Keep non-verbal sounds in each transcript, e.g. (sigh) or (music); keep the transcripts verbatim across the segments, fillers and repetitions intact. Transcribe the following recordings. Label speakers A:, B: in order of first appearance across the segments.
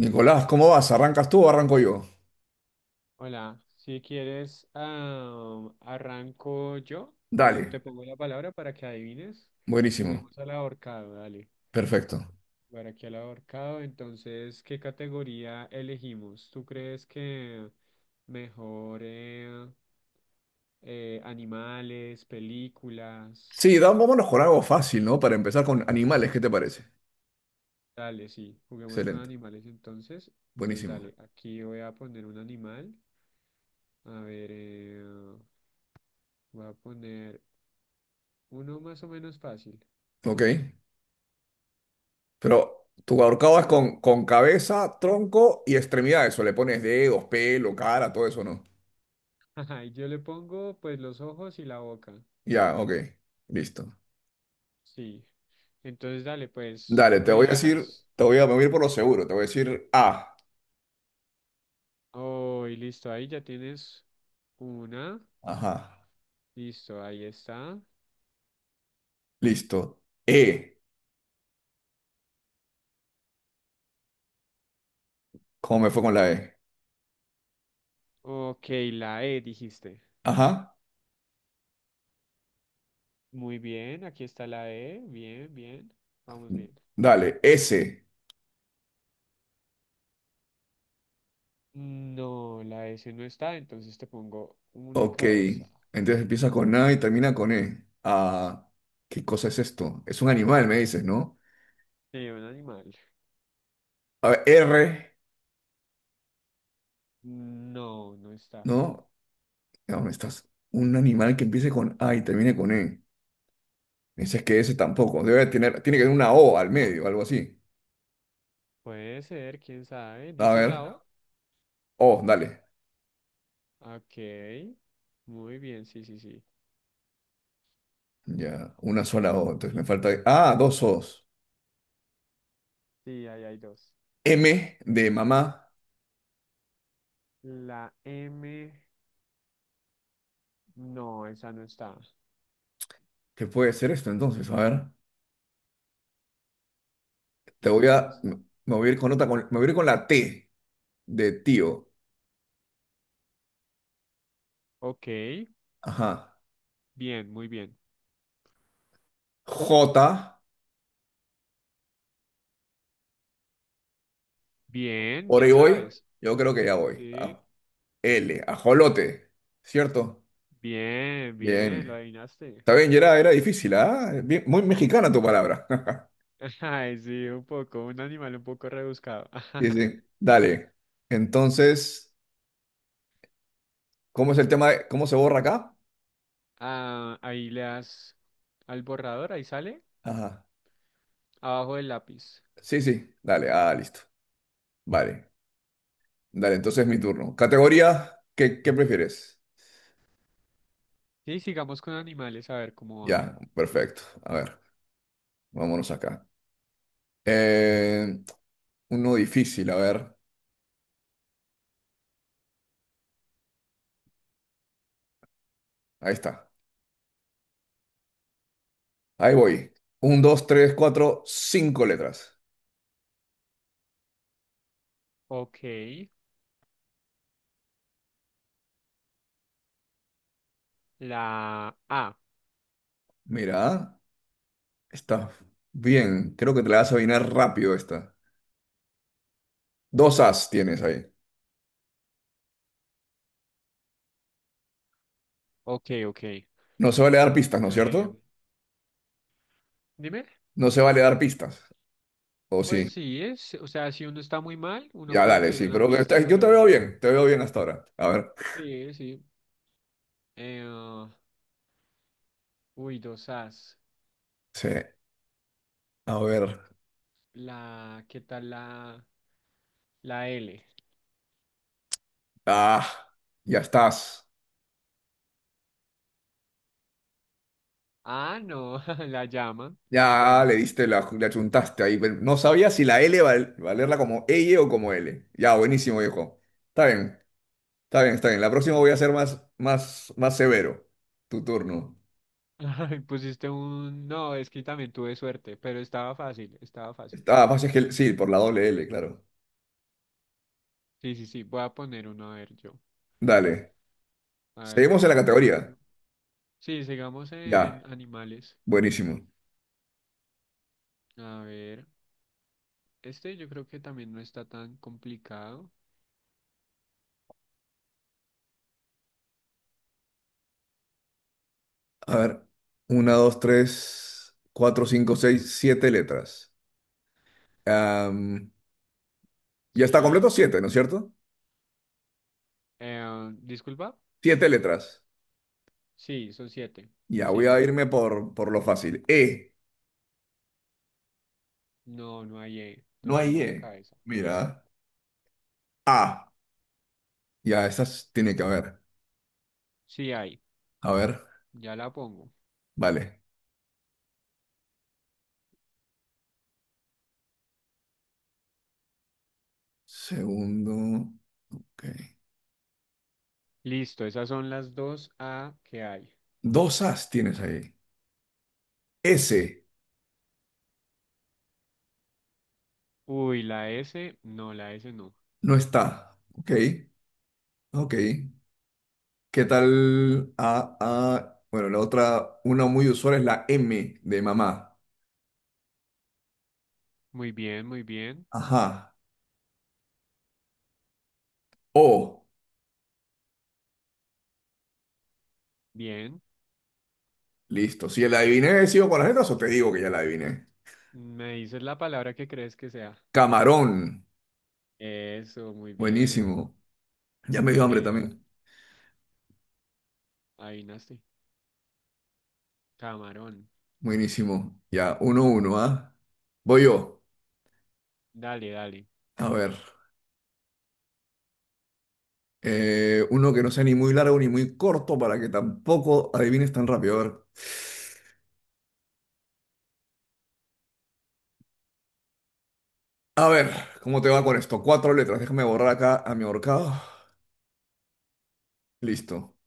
A: Nicolás, ¿cómo vas? ¿Arrancas tú o arranco yo?
B: Hola, si quieres, ah, arranco yo y te
A: Dale,
B: pongo la palabra para que adivines.
A: buenísimo,
B: Juguemos al ahorcado, dale.
A: perfecto.
B: Para aquí al ahorcado, entonces, ¿qué categoría elegimos? ¿Tú crees que mejor eh, eh, animales, películas?
A: Sí, da- vámonos con algo fácil, ¿no? Para empezar con animales, ¿qué te parece?
B: Dale, sí, juguemos con
A: Excelente,
B: animales entonces. Entonces,
A: buenísimo.
B: dale, aquí voy a poner un animal. A ver, eh, voy a poner uno más o menos fácil.
A: Ok, pero tu ahorcado es con, con cabeza, tronco y extremidades, o le pones dedos, pelo, cara, todo eso, ¿no?
B: (laughs) Ajá, y yo le pongo pues los ojos y la boca.
A: Ya, ok, listo.
B: Sí. Entonces dale, pues
A: Dale,
B: tú
A: te
B: me
A: voy a decir,
B: dirás,
A: te voy a, me voy a ir por lo seguro, te voy a decir A.
B: oh, y listo, ahí ya tienes una.
A: Ajá,
B: Listo, ahí está.
A: listo. E, ¿cómo me fue con la E?
B: Ok, la E dijiste.
A: Ajá,
B: Muy bien, aquí está la E. Bien, bien. Vamos bien.
A: dale, S.
B: No, la S no está, entonces te pongo una
A: Ok,
B: cabeza.
A: entonces empieza con A y termina con E. Ah, ¿qué cosa es esto? Es un animal, me dices, ¿no?
B: Sí, un animal.
A: A ver, R,
B: No, no está.
A: ¿no? ¿Dónde estás? Un animal que empiece con A y termine con E. Me dices que ese tampoco. Debe tener, tiene que tener una O al medio, algo así.
B: Puede ser, quién sabe.
A: A
B: ¿Dices
A: ver,
B: la O?
A: O, dale.
B: Ok. Muy bien, sí, sí, sí.
A: Ya, una sola O. Entonces me
B: Sí.
A: falta. Ah, dos O's.
B: Sí, ahí hay dos.
A: M de mamá.
B: La M, no, esa no está.
A: ¿Qué puede ser esto entonces? A ver, te voy
B: Esa no
A: a.
B: está.
A: Me voy a ir con otra, con- me voy a ir con la T de tío.
B: Ok,
A: Ajá.
B: bien, muy bien.
A: J.
B: Bien,
A: Por
B: ya
A: ahí voy,
B: sabes.
A: yo creo que ya voy.
B: Sí,
A: A- L, ajolote, ¿cierto?
B: bien, bien, lo
A: Bien.
B: adivinaste.
A: Está bien, era, era difícil, ¿ah? Bien- muy mexicana tu palabra. (laughs)
B: (laughs) Ay, sí, un poco, un animal un poco rebuscado.
A: Sí, sí.
B: (laughs)
A: Dale. Entonces, ¿cómo es el tema de cómo se borra acá?
B: Ah, ahí le das al borrador, ahí sale,
A: Ajá.
B: abajo del lápiz.
A: Sí, sí, dale, ah, listo. Vale. Dale, entonces es mi turno. Categoría, ¿qué, ¿qué prefieres?
B: Sí, sigamos con animales, a ver cómo va.
A: Ya, perfecto. A ver, vámonos acá. Eh, uno difícil, a ver. Ahí está. Ahí voy. Un, dos, tres, cuatro, cinco letras.
B: Ok, la A.
A: Mira, está bien. Creo que te la vas a adivinar rápido esta. Dos as tienes ahí.
B: Ok, ok.
A: No se vale dar pistas, ¿no es cierto?
B: Em, dime.
A: No se vale dar pistas. ¿O sí?
B: Pues sí, es, o sea, si uno está muy mal, uno
A: Ya,
B: puede
A: dale,
B: pedir
A: sí.
B: una
A: Pero está-
B: pista,
A: yo te veo
B: pero
A: bien. Te veo bien hasta ahora. A ver.
B: sí, sí. Eh, ah, uy, dos As.
A: Sí. A ver.
B: La, ¿qué tal la, la L?
A: Ah, ya estás.
B: Ah, no, (laughs) la llama, una
A: Ya le
B: llama.
A: diste la, le achuntaste ahí. Pero no sabía si la L val- valerla como L o como L. Ya, buenísimo, viejo. Está bien. Está bien, está bien. La próxima voy
B: Bien.
A: a ser más, más, más severo. Tu turno.
B: (laughs) Ay, pusiste un, no, es que también tuve suerte, pero estaba fácil, estaba fácil.
A: Ah, más es que sí, por la doble L, claro.
B: Sí, sí, sí, voy a poner uno, a ver yo.
A: Dale.
B: A ver, voy a
A: Seguimos en la
B: poner
A: categoría.
B: uno. Sí, sigamos en
A: Ya,
B: animales.
A: buenísimo.
B: A ver, este yo creo que también no está tan complicado.
A: A ver, una, dos, tres, cuatro, cinco, seis, siete letras. Am, ya
B: Sí,
A: está
B: ahí
A: completo
B: está.
A: siete, ¿no es cierto?
B: Eh, Disculpa.
A: Siete letras.
B: Sí, son siete.
A: Ya,
B: Sí,
A: voy
B: sí,
A: a
B: sí.
A: irme por, por lo fácil. E.
B: No, no hay E. Te
A: No hay
B: pongo en la
A: E.
B: cabeza.
A: Mira. A. Ya, estas tiene que haber.
B: Sí hay.
A: A ver,
B: Ya la pongo.
A: vale. Segundo. Ok.
B: Listo, esas son las dos A que hay.
A: Dos as tienes ahí. S
B: Uy, la S. No, la S no.
A: no está. Ok, ok. ¿Qué tal? A, A. Bueno, la otra, una muy usual es la M de mamá.
B: Muy bien, muy bien.
A: Ajá. O.
B: Bien.
A: Listo. Si ya la adiviné, sigo con las letras o te digo que ya la adiviné.
B: Me dices la palabra que crees que sea.
A: Camarón.
B: Eso, muy bien.
A: Buenísimo. Ya me dio hambre
B: Hey, la,
A: también.
B: adivinaste. Camarón.
A: Buenísimo. Ya, uno, uno, ¿ah? Voy yo.
B: Dale, dale.
A: A ver. Eh, uno que no sea ni muy largo ni muy corto para que tampoco adivines tan rápido. A ver. A ver, ¿cómo te va con esto? Cuatro letras. Déjame borrar acá a mi ahorcado. Listo.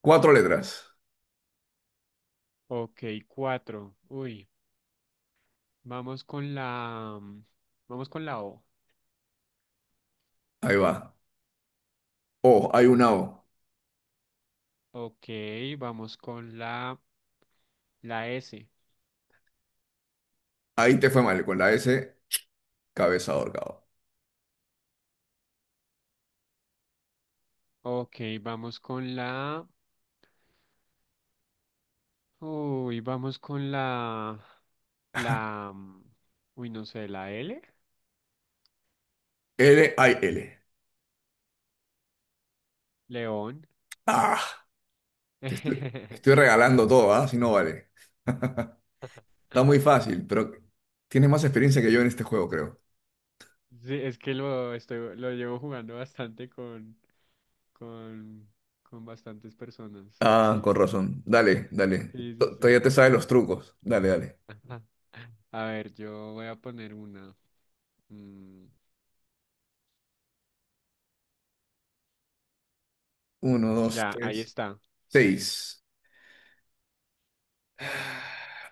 A: Cuatro letras.
B: Ok, cuatro. Uy, vamos con la... mm, Vamos con la O.
A: Ahí va. O, hay una O.
B: Ok, vamos con la, la S.
A: Ahí te fue mal. Con la S, cabeza de ahorcado.
B: Ok, vamos con la... Uy, vamos con la... La... mm, Uy, no sé, la L.
A: L, hay L.
B: León.
A: Ah, te estoy,
B: (laughs)
A: estoy regalando todo, ¿ah? Si no vale. (laughs) Está muy fácil, pero tienes más experiencia que yo en este juego, creo.
B: Sí, es que lo, estoy, lo llevo jugando bastante con, con, con bastantes personas.
A: Ah,
B: Sí,
A: con razón. Dale, dale.
B: sí, sí,
A: To-
B: sí.
A: Todavía te sabes los trucos. Dale, dale.
B: (laughs) Ajá. A ver, yo voy a poner una. Mm,
A: Uno, dos,
B: ya, ahí
A: tres,
B: está.
A: seis.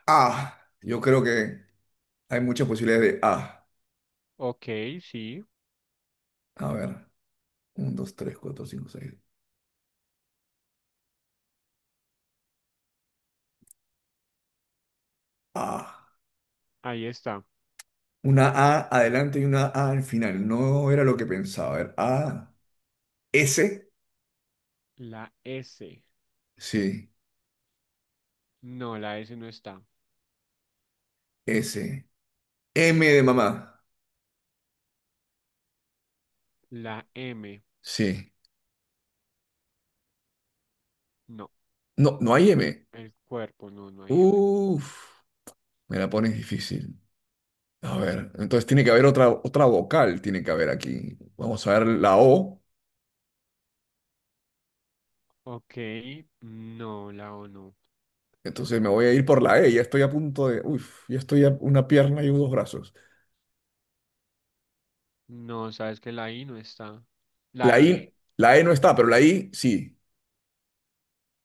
A: Ah, yo creo que hay muchas posibilidades de A.
B: Ok, sí,
A: A ver. Uno, dos, tres, cuatro, cinco, seis, A.
B: ahí está.
A: Una A adelante y una A al final. No era lo que pensaba. A ver. A. S.
B: La S.
A: Sí.
B: No, la S no está.
A: S. M de mamá.
B: La M.
A: Sí.
B: No,
A: No, no hay M.
B: el cuerpo, no, no hay M.
A: Uf. Me la pones difícil. A ver. Entonces tiene que haber otra, otra vocal. Tiene que haber aquí. Vamos a ver la O.
B: Ok, no, la O no.
A: Entonces me voy a ir por la E. Ya estoy a punto de. Uf. Ya estoy a una pierna y dos brazos.
B: No, sabes que la I no está.
A: La
B: La E.
A: I. La E no está, pero la I sí.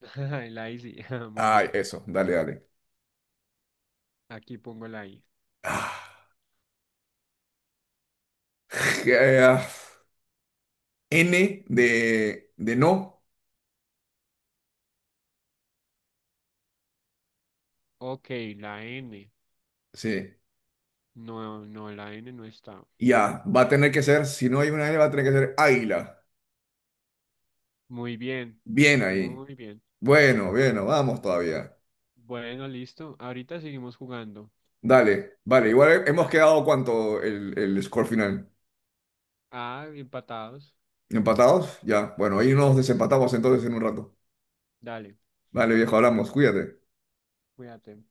B: (laughs) La I sí, (laughs) muy
A: Ay,
B: bien.
A: eso, dale, dale.
B: Aquí pongo la I.
A: Ah, eh, ah, N de, de no,
B: Ok, la N.
A: sí.
B: No, no, la N no está.
A: Ya, va a tener que ser, si no hay una N, va a tener que ser águila.
B: Muy bien,
A: Bien ahí.
B: muy bien.
A: Bueno, bueno, vamos todavía.
B: Bueno, listo. Ahorita seguimos jugando.
A: Dale, vale,
B: ¿Listo?
A: igual hemos
B: Dale.
A: quedado cuánto el, el score final.
B: Ah, empatados.
A: ¿Empatados? Ya, bueno, ahí
B: Sí,
A: nos
B: creo que sí.
A: desempatamos entonces en un rato.
B: Dale,
A: Vale, viejo, hablamos, cuídate.
B: cuídate.